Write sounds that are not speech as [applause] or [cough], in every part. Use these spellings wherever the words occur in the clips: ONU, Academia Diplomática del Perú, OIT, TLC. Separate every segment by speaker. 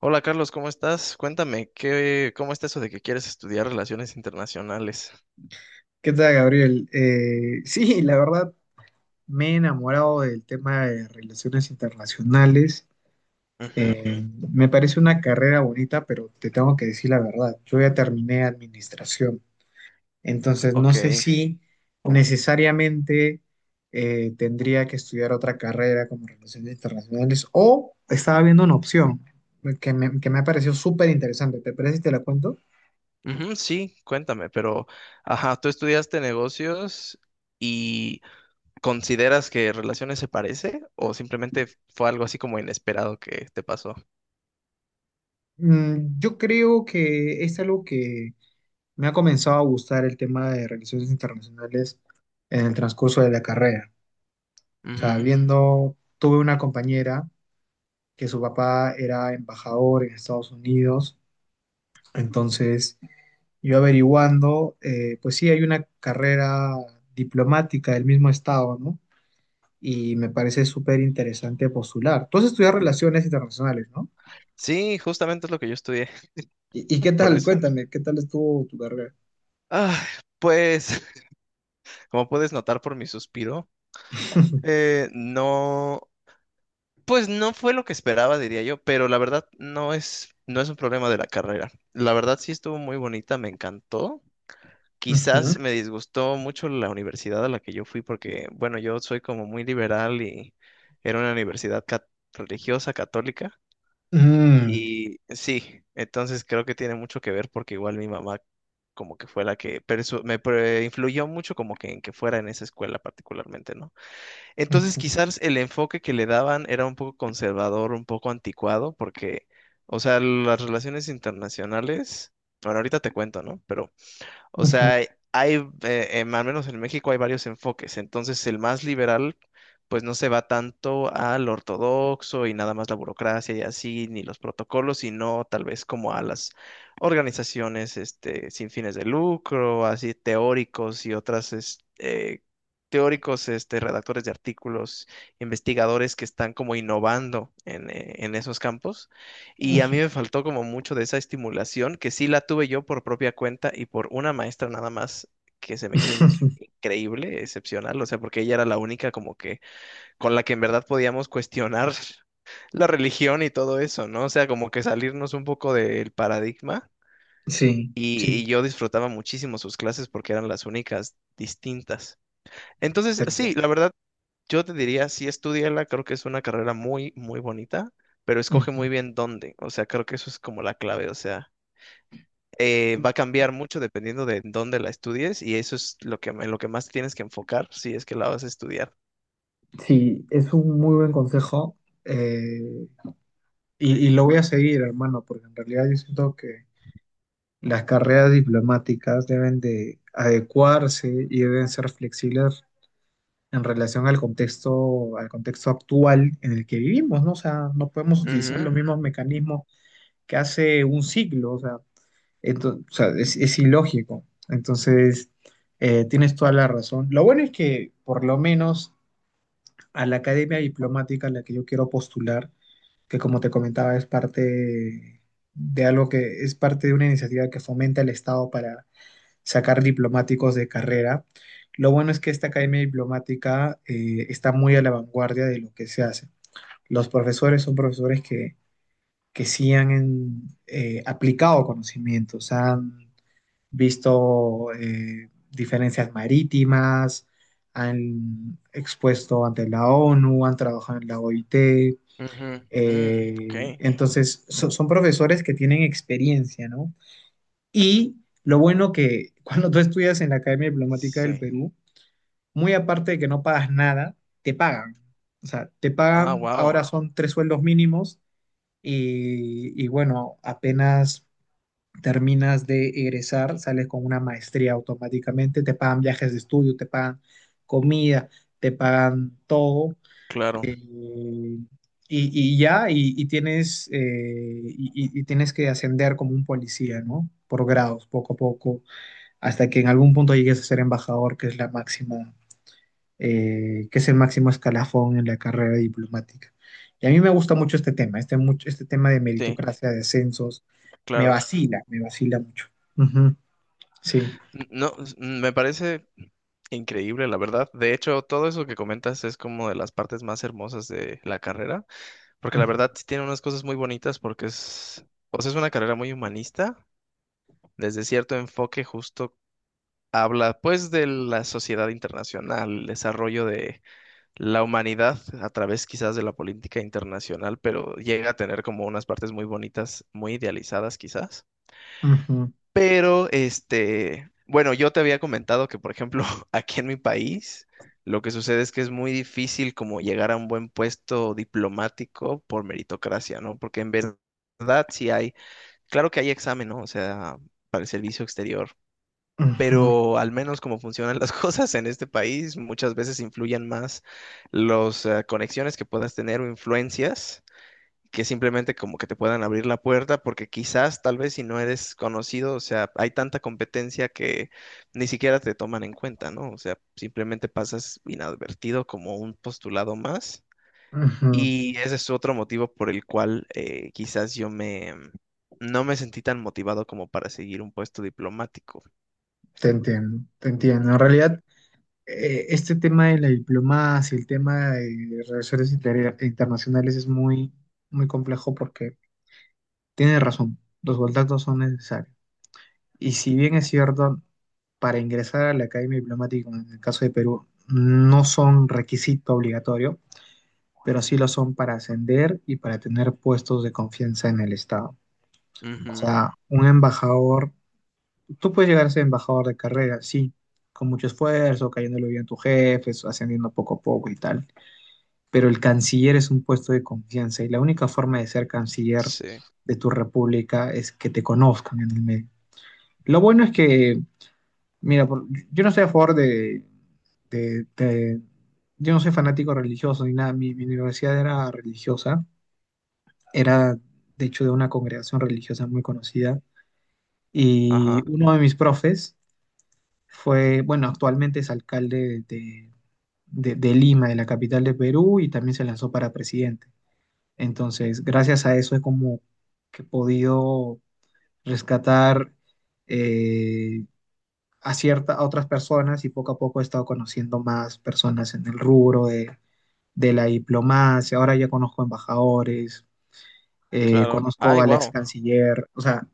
Speaker 1: Hola Carlos, ¿cómo estás? Cuéntame, ¿cómo está eso de que quieres estudiar relaciones internacionales?
Speaker 2: ¿Qué tal, Gabriel? Sí, la verdad me he enamorado del tema de relaciones internacionales.
Speaker 1: Ujú,
Speaker 2: Eh, me parece una carrera bonita, pero te tengo que decir la verdad. Yo ya terminé administración, entonces no
Speaker 1: ok.
Speaker 2: sé si necesariamente tendría que estudiar otra carrera como relaciones internacionales, o estaba viendo una opción que me ha parecido súper interesante. ¿Te parece si te la cuento?
Speaker 1: Ujú, sí, cuéntame, pero, ajá, ¿tú estudiaste negocios y consideras que relaciones se parece o simplemente fue algo así como inesperado que te pasó?
Speaker 2: Yo creo que es algo que me ha comenzado a gustar, el tema de relaciones internacionales en el transcurso de la carrera. O sea,
Speaker 1: Ujú.
Speaker 2: viendo, tuve una compañera que su papá era embajador en Estados Unidos, entonces yo averiguando, pues sí, hay una carrera diplomática del mismo estado, ¿no? Y me parece súper interesante postular. Tú has estudiado relaciones internacionales, ¿no?
Speaker 1: Sí, justamente es lo que yo estudié,
Speaker 2: ¿Y qué
Speaker 1: [laughs] por
Speaker 2: tal?
Speaker 1: eso.
Speaker 2: Cuéntame, ¿qué tal estuvo tu carrera?
Speaker 1: Ah, pues, [laughs] como puedes notar por mi suspiro,
Speaker 2: [laughs]
Speaker 1: no. Pues no fue lo que esperaba, diría yo, pero la verdad no es un problema de la carrera. La verdad sí estuvo muy bonita, me encantó.
Speaker 2: Ujú.
Speaker 1: Quizás me disgustó mucho la universidad a la que yo fui porque, bueno, yo soy como muy liberal y era una universidad religiosa, católica.
Speaker 2: Mm.
Speaker 1: Y sí, entonces creo que tiene mucho que ver porque igual mi mamá como que fue la que influyó mucho como que en que fuera en esa escuela particularmente, ¿no? Entonces,
Speaker 2: Ujú.
Speaker 1: quizás el enfoque que le daban era un poco conservador, un poco anticuado, porque, o sea, las relaciones internacionales, bueno, ahorita te cuento, ¿no? Pero o sea, al menos en México hay varios enfoques. Entonces, el más liberal, pues no se va tanto al ortodoxo y nada más la burocracia y así, ni los protocolos, sino tal vez como a las organizaciones, este, sin fines de lucro, así teóricos y otras, teóricos, este, redactores de artículos, investigadores que están como innovando en esos campos. Y a mí
Speaker 2: Ujú.
Speaker 1: me faltó como mucho de esa estimulación, que sí la tuve yo por propia cuenta y por una maestra nada más que se me hizo
Speaker 2: [laughs]
Speaker 1: increíble, excepcional, o sea, porque ella era la única como que con la que en verdad podíamos cuestionar [laughs] la religión y todo eso, ¿no? O sea, como que salirnos un poco del paradigma
Speaker 2: Sí, sí,
Speaker 1: y yo disfrutaba muchísimo sus clases porque eran las únicas distintas. Entonces,
Speaker 2: te
Speaker 1: sí,
Speaker 2: entiendo.
Speaker 1: la verdad, yo te diría, sí, estudiala, creo que es una carrera muy, muy bonita, pero escoge muy
Speaker 2: Ujú.
Speaker 1: bien dónde. O sea, creo que eso es como la clave. O sea, va a cambiar mucho dependiendo de dónde la estudies y eso es lo que, en lo que más tienes que enfocar si es que la vas a estudiar.
Speaker 2: Sí, es un muy buen consejo, eh, y lo voy a seguir, hermano, porque en realidad yo siento que las carreras diplomáticas deben de adecuarse y deben ser flexibles en relación al contexto actual en el que vivimos, ¿no? O sea, no podemos utilizar los
Speaker 1: Ujú,
Speaker 2: mismos mecanismos que hace un siglo, o sea, o sea, es ilógico. Entonces, tienes toda la razón. Lo bueno es que por lo menos a la academia diplomática a la que yo quiero postular, que como te comentaba, es parte de algo que es parte de una iniciativa que fomenta el Estado para sacar diplomáticos de carrera. Lo bueno es que esta academia diplomática está muy a la vanguardia de lo que se hace. Los profesores son profesores que sí han aplicado conocimientos, han visto, diferencias marítimas, han expuesto ante la ONU, han trabajado en la OIT.
Speaker 1: ujú, mm, ok,
Speaker 2: Entonces, son profesores que tienen experiencia, ¿no? Y lo bueno que [laughs] cuando tú estudias en la Academia Diplomática del
Speaker 1: sí.
Speaker 2: Perú, muy aparte de que no pagas nada, te pagan. O sea, te
Speaker 1: Ah,
Speaker 2: pagan,
Speaker 1: wow,
Speaker 2: ahora son tres sueldos mínimos, y bueno, apenas terminas de egresar, sales con una maestría automáticamente, te pagan viajes de estudio, te pagan comida, te pagan todo.
Speaker 1: claro,
Speaker 2: Eh, y, y ya, y tienes que ascender como un policía, ¿no? Por grados, poco a poco, hasta que en algún punto llegues a ser embajador, que es la máxima, que es el máximo escalafón en la carrera diplomática. Y a mí me gusta mucho este tema, este tema de
Speaker 1: sí,
Speaker 2: meritocracia, de ascensos,
Speaker 1: claro.
Speaker 2: me vacila mucho. Ujú. Sí.
Speaker 1: No, me parece increíble, la verdad. De hecho, todo eso que comentas es como de las partes más hermosas de la carrera. Porque la
Speaker 2: Ujú,
Speaker 1: verdad sí tiene unas cosas muy bonitas porque es, o sea, es una carrera muy humanista, desde cierto enfoque justo habla pues de la sociedad internacional, el desarrollo de la humanidad a través quizás de la política internacional, pero llega a tener como unas partes muy bonitas, muy idealizadas quizás.
Speaker 2: ujú,
Speaker 1: Pero, este, bueno, yo te había comentado que, por ejemplo, [laughs] aquí en mi país, lo que sucede es que es muy difícil como llegar a un buen puesto diplomático por meritocracia, ¿no? Porque en verdad sí hay, claro que hay examen, ¿no? O sea, para el servicio exterior,
Speaker 2: ujú,
Speaker 1: pero al menos como funcionan las [laughs] cosas en este país, muchas veces influyen más las conexiones que puedas tener o influencias que simplemente como que te puedan abrir la puerta, porque quizás, tal vez si no eres conocido, o sea, hay tanta competencia que ni siquiera te toman en cuenta, ¿no? O sea, simplemente pasas inadvertido como un postulado más.
Speaker 2: ujú.
Speaker 1: Y ese es otro motivo por el cual quizás yo me no me sentí tan motivado como para seguir un puesto diplomático.
Speaker 2: Te entiendo, te entiendo. En
Speaker 1: Ujú,
Speaker 2: realidad, este tema de la diplomacia, el tema de relaciones internacionales es muy, muy complejo, porque tiene razón, los contactos son necesarios. Y si bien es cierto, para ingresar a la Academia Diplomática, en el caso de Perú, no son requisito obligatorio, pero sí lo son para ascender y para tener puestos de confianza en el Estado. O
Speaker 1: ujú,
Speaker 2: sea, un embajador tú puedes llegar a ser embajador de carrera, sí, con mucho esfuerzo, cayéndole bien a tus jefes, ascendiendo poco a poco y tal. Pero el canciller es un puesto de confianza, y la única forma de ser canciller
Speaker 1: sí,
Speaker 2: de tu república es que te conozcan en el medio. Lo bueno es que, mira, yo no estoy a favor de, de- de- yo no soy fanático religioso ni nada. Mi universidad era religiosa, era de hecho de una congregación religiosa muy conocida.
Speaker 1: ajá,
Speaker 2: Y uno de mis profes fue, bueno, actualmente es alcalde de Lima, de la capital de Perú, y también se lanzó para presidente. Entonces, gracias a eso es como que he podido rescatar, eh, a a otras personas, y poco a poco he estado conociendo más personas en el rubro de la diplomacia. Ahora ya conozco embajadores,
Speaker 1: claro.
Speaker 2: conozco
Speaker 1: Ay,
Speaker 2: al ex
Speaker 1: wow.
Speaker 2: canciller, o sea,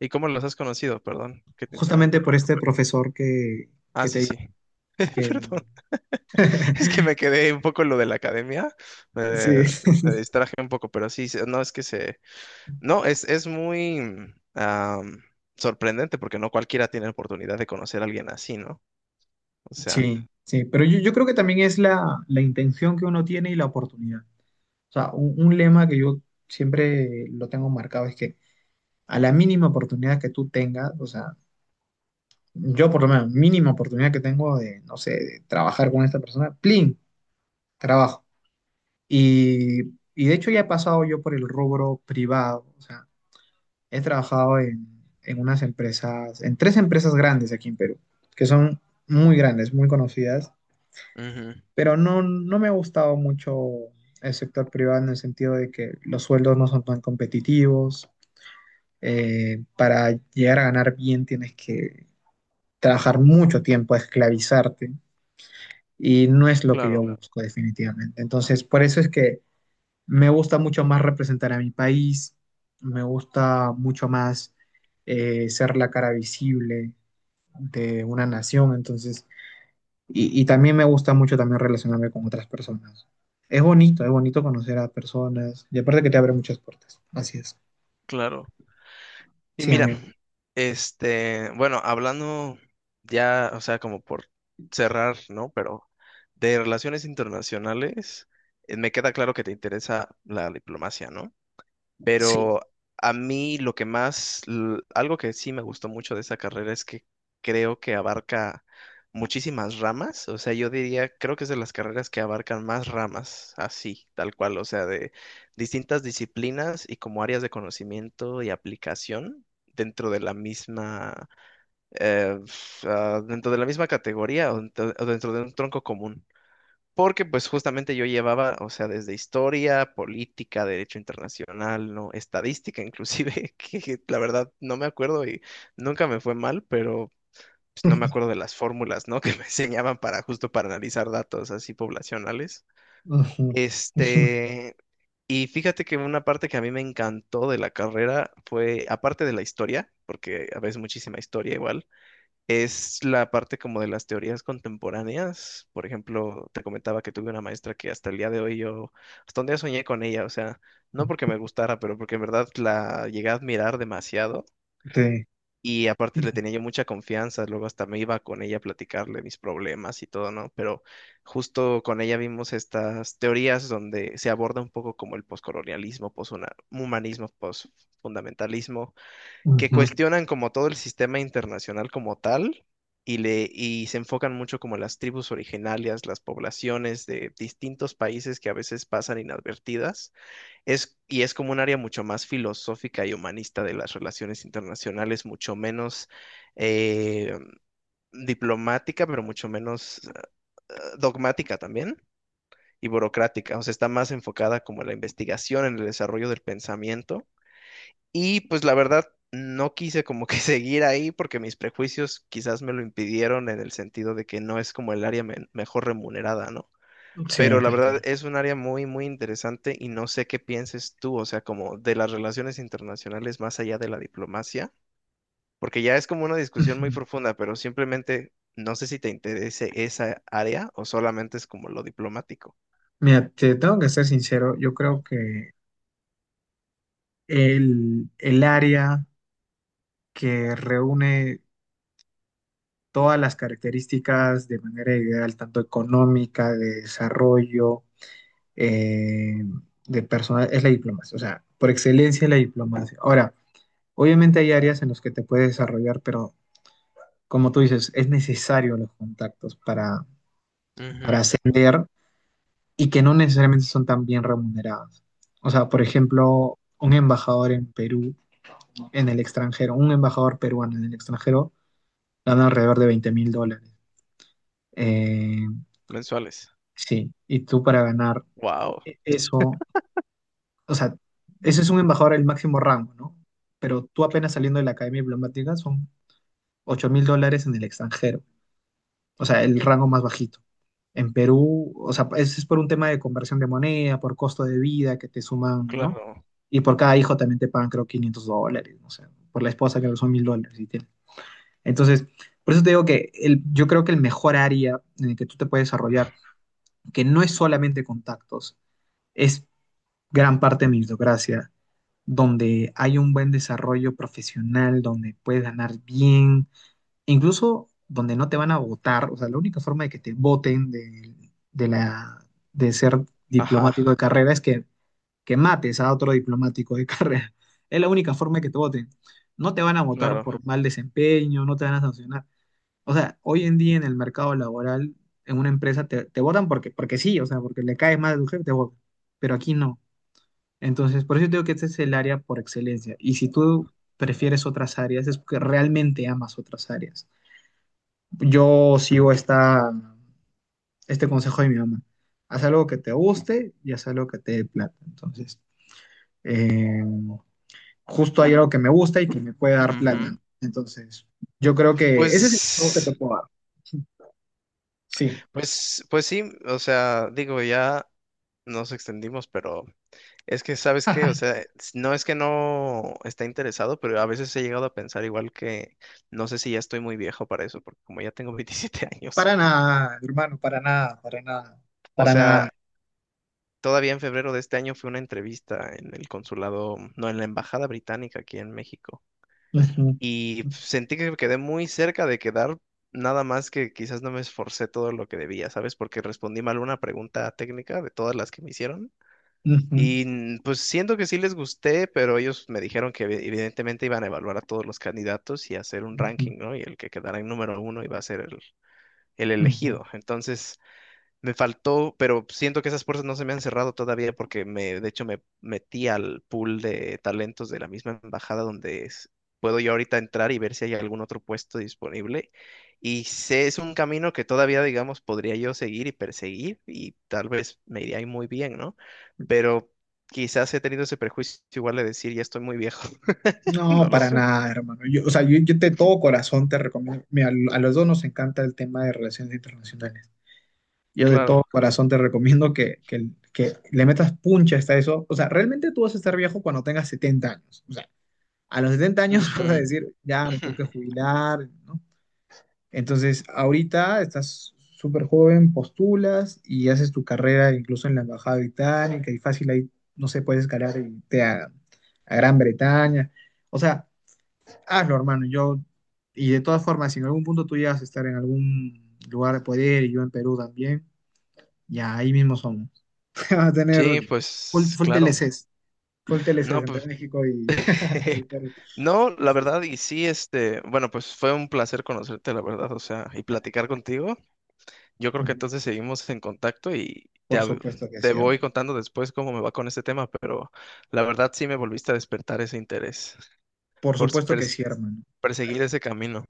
Speaker 1: ¿Y cómo los has conocido? Perdón que te
Speaker 2: justamente
Speaker 1: interrumpa,
Speaker 2: por
Speaker 1: pero.
Speaker 2: este profesor
Speaker 1: Ah,
Speaker 2: que
Speaker 1: sí,
Speaker 2: te
Speaker 1: sí. [laughs]
Speaker 2: que,
Speaker 1: Perdón. [laughs] Es que me quedé un poco en lo de la academia,
Speaker 2: sí.
Speaker 1: eh, me
Speaker 2: [laughs]
Speaker 1: distraje un poco, pero sí, no, es que se... No, es muy sorprendente porque no cualquiera tiene la oportunidad de conocer a alguien así, ¿no? O sea,
Speaker 2: Sí, sí, pero yo creo que también es la intención que uno tiene y la oportunidad. O sea, un lema que yo siempre lo tengo marcado es que, a la mínima oportunidad que tú tengas, o sea, yo por lo menos, mínima oportunidad que tengo de, no sé, de trabajar con esta persona, plin, trabajo. Y, y de hecho ya he pasado yo por el rubro privado, o sea, he trabajado en unas empresas, en tres empresas grandes aquí en Perú, que son muy grandes, muy conocidas,
Speaker 1: ujú,
Speaker 2: pero no, no me ha gustado mucho el sector privado, en el sentido de que los sueldos no son tan competitivos. Para llegar a ganar bien tienes que trabajar mucho tiempo, esclavizarte, y no es lo que yo,
Speaker 1: claro,
Speaker 2: claro, busco definitivamente. Entonces, por eso es que me gusta mucho más representar a mi país, me gusta mucho más, ser la cara visible de una nación. Entonces, y también me gusta mucho también relacionarme con otras personas. Es bonito conocer a personas, y aparte que te abre muchas puertas. Así es.
Speaker 1: claro. Y
Speaker 2: Sí,
Speaker 1: mira,
Speaker 2: amigo.
Speaker 1: este, bueno, hablando ya, o sea, como por cerrar, ¿no? Pero de relaciones internacionales, me queda claro que te interesa la diplomacia, ¿no?
Speaker 2: Sí.
Speaker 1: Pero a mí lo que más, algo que sí me gustó mucho de esa carrera es que creo que abarca muchísimas ramas. O sea, yo diría, creo que es de las carreras que abarcan más ramas, así, tal cual. O sea, de distintas disciplinas y como áreas de conocimiento y aplicación dentro de la misma, dentro de la misma categoría o dentro de un tronco común. Porque pues justamente yo llevaba, o sea, desde historia, política, derecho internacional, no, estadística inclusive, [laughs] que la verdad no me acuerdo y nunca me fue mal, pero pues, no me acuerdo
Speaker 2: [laughs]
Speaker 1: de las fórmulas, ¿no? [laughs] que me enseñaban para analizar datos así poblacionales.
Speaker 2: Ujú. [laughs]
Speaker 1: Este, y fíjate que una parte que a mí me encantó de la carrera fue, aparte de la historia, porque a veces muchísima historia igual es la parte como de las teorías contemporáneas. Por ejemplo, te comentaba que tuve una maestra que hasta el día de hoy yo, hasta un día soñé con ella, o sea, no porque me gustara, pero porque en verdad la llegué a admirar demasiado
Speaker 2: Sí.
Speaker 1: y aparte le tenía yo mucha confianza, luego hasta me iba con ella a platicarle mis problemas y todo, ¿no? Pero justo con ella vimos estas teorías donde se aborda un poco como el poscolonialismo, poshumanismo, posfundamentalismo que
Speaker 2: Ujú.
Speaker 1: cuestionan como todo el sistema internacional como tal y se enfocan mucho como las tribus originarias, las poblaciones de distintos países que a veces pasan inadvertidas. Y es como un área mucho más filosófica y humanista de las relaciones internacionales, mucho menos eh, diplomática, pero mucho menos dogmática también y burocrática, o sea, está más enfocada como en la investigación, en el desarrollo del pensamiento y pues la verdad, no quise como que [laughs] seguir ahí porque mis prejuicios quizás me lo impidieron en el sentido de que no es como el área mejor remunerada, ¿no?
Speaker 2: Sí, te
Speaker 1: Pero la verdad
Speaker 2: entiendo.
Speaker 1: es un área muy, muy interesante y no sé qué pienses tú, o sea, como de las relaciones internacionales más allá de la diplomacia, porque ya es como una discusión muy
Speaker 2: Ujú.
Speaker 1: profunda, pero simplemente no sé si te interese esa área o solamente es como lo diplomático.
Speaker 2: Mira, te tengo que ser sincero, yo creo que el área que reúne todas las características de manera ideal, tanto económica, de desarrollo, eh, de personal, es la diplomacia, o sea, por excelencia es la diplomacia. Ahora, obviamente hay áreas en las que te puedes desarrollar, pero como tú dices, es necesario los contactos para
Speaker 1: Ujú,
Speaker 2: ascender, y que no necesariamente son tan bien remuneradas. O sea, por ejemplo, un embajador en Perú, en el extranjero, un embajador peruano en el extranjero, gana alrededor de $20,000. Eh,
Speaker 1: mensuales.
Speaker 2: sí, y tú para ganar
Speaker 1: Wow,
Speaker 2: eso, o sea, ese es un embajador al máximo rango, ¿no? Pero tú apenas saliendo de la academia diplomática son $8,000 en el extranjero, o sea, el rango más bajito. En Perú, o sea, ese es por un tema de conversión de moneda, por costo de vida que te suman, ¿no?
Speaker 1: claro.
Speaker 2: Y por cada hijo también te pagan, creo, $500, no sé, por la esposa creo que son $1,000. Y tiene. Entonces, por eso te digo que yo creo que el mejor área en el que tú te puedes desarrollar, que no es solamente contactos, es gran parte de meritocracia, donde hay un buen desarrollo profesional, donde puedes ganar bien, e incluso donde no te van a votar. O sea, la única forma de que te voten, de la, de ser diplomático
Speaker 1: Ajá,
Speaker 2: de carrera es que mates a otro diplomático de [laughs] carrera. Es la única forma de que te voten. No te van a votar
Speaker 1: claro.
Speaker 2: por mal desempeño, no te van a sancionar. O sea, hoy en día en el mercado laboral, en una empresa te votan porque sí, o sea, porque le cae mal al jefe, te votan. Pero aquí no. Entonces, por eso digo que este es el área por excelencia. Y si tú prefieres otras áreas, es porque realmente amas otras áreas. Yo sigo este consejo de mi mamá. Haz algo que te guste y haz algo que te dé plata. Entonces, eh, justo hay algo que me gusta y que me puede dar
Speaker 1: Ujú.
Speaker 2: plata. Entonces, yo creo que ese es el consejo que te
Speaker 1: Pues,
Speaker 2: puedo dar. Sí.
Speaker 1: pues sí, o sea, digo, ya nos extendimos, pero es que, ¿sabes qué? O sea,
Speaker 2: [laughs]
Speaker 1: no es que no está interesado, pero a veces he llegado a pensar igual que, no sé si ya estoy muy viejo para eso, porque como ya tengo [laughs] 27 años,
Speaker 2: Para nada, hermano, para nada, para nada,
Speaker 1: o
Speaker 2: para
Speaker 1: sea,
Speaker 2: nada.
Speaker 1: todavía en febrero de este año fue una entrevista en el consulado, no, en la embajada británica aquí en México.
Speaker 2: Ujú,
Speaker 1: Y sentí que quedé muy cerca de quedar, nada más que quizás no me esforcé todo lo que debía, ¿sabes? Porque respondí mal una pregunta técnica de todas las que me hicieron.
Speaker 2: ujú,
Speaker 1: Y mm, pues siento que sí les gusté, pero ellos me dijeron que evidentemente iban a evaluar a todos los candidatos y hacer un
Speaker 2: ujú,
Speaker 1: ranking, ¿no? Y el que quedara en número uno iba a ser el
Speaker 2: ujú.
Speaker 1: elegido. Entonces me faltó, pero siento que esas puertas no se me han cerrado todavía porque me, de hecho, me metí al pool de talentos de la misma embajada donde puedo yo ahorita entrar y ver si hay algún otro puesto disponible. Y sé, es un camino que todavía, digamos, podría yo seguir y perseguir y tal vez me iría ahí muy bien, ¿no? Pero quizás he tenido ese prejuicio igual de decir, ya estoy muy viejo, [laughs]
Speaker 2: No,
Speaker 1: no lo
Speaker 2: para
Speaker 1: sé.
Speaker 2: nada, hermano. Yo, o sea, yo de todo corazón te recomiendo. Mira, a los dos nos encanta el tema de relaciones internacionales. Yo de
Speaker 1: Claro.
Speaker 2: todo corazón te recomiendo que le metas puncha hasta eso. O sea, realmente tú vas a estar viejo cuando tengas 70 años. O sea, a los 70 años [laughs] vas a
Speaker 1: Ujú.
Speaker 2: decir, ya me tengo que
Speaker 1: [laughs]
Speaker 2: jubilar, ¿no? Entonces, ahorita estás súper joven, postulas y haces tu carrera incluso en la Embajada Británica, y fácil ahí, no sé, puedes escalar y irte a Gran Bretaña. O sea, hazlo, hermano. Yo, y de todas formas, si en algún punto tú llegas a estar en algún lugar de poder y yo en Perú también, ya ahí mismo somos. [laughs] Vas a tener
Speaker 1: Sí,
Speaker 2: full,
Speaker 1: pues
Speaker 2: full
Speaker 1: claro.
Speaker 2: TLCs, full TLCs
Speaker 1: No,
Speaker 2: entre
Speaker 1: pues
Speaker 2: México y [laughs] el
Speaker 1: [laughs]
Speaker 2: Perú.
Speaker 1: no,
Speaker 2: Sí,
Speaker 1: la
Speaker 2: sí, sí.
Speaker 1: verdad, y sí, este, bueno, pues fue un placer conocerte, la verdad, o sea, y platicar contigo. Yo creo que
Speaker 2: Ujú.
Speaker 1: entonces seguimos en contacto y te,
Speaker 2: Por supuesto que
Speaker 1: te
Speaker 2: sí,
Speaker 1: voy
Speaker 2: hermano.
Speaker 1: contando después cómo me va con este tema, pero la verdad sí me volviste a despertar ese interés
Speaker 2: Por
Speaker 1: por
Speaker 2: supuesto que sí, hermano.
Speaker 1: perseguir ese camino.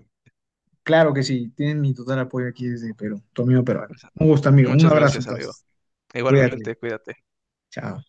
Speaker 2: Claro que sí. Tienen mi total apoyo aquí desde Perú, tu amigo peruano. Un gusto, amigo. Un
Speaker 1: Muchas
Speaker 2: abrazo,
Speaker 1: gracias, amigo.
Speaker 2: entonces. Cuídate.
Speaker 1: Igualmente, cuídate.
Speaker 2: Chao.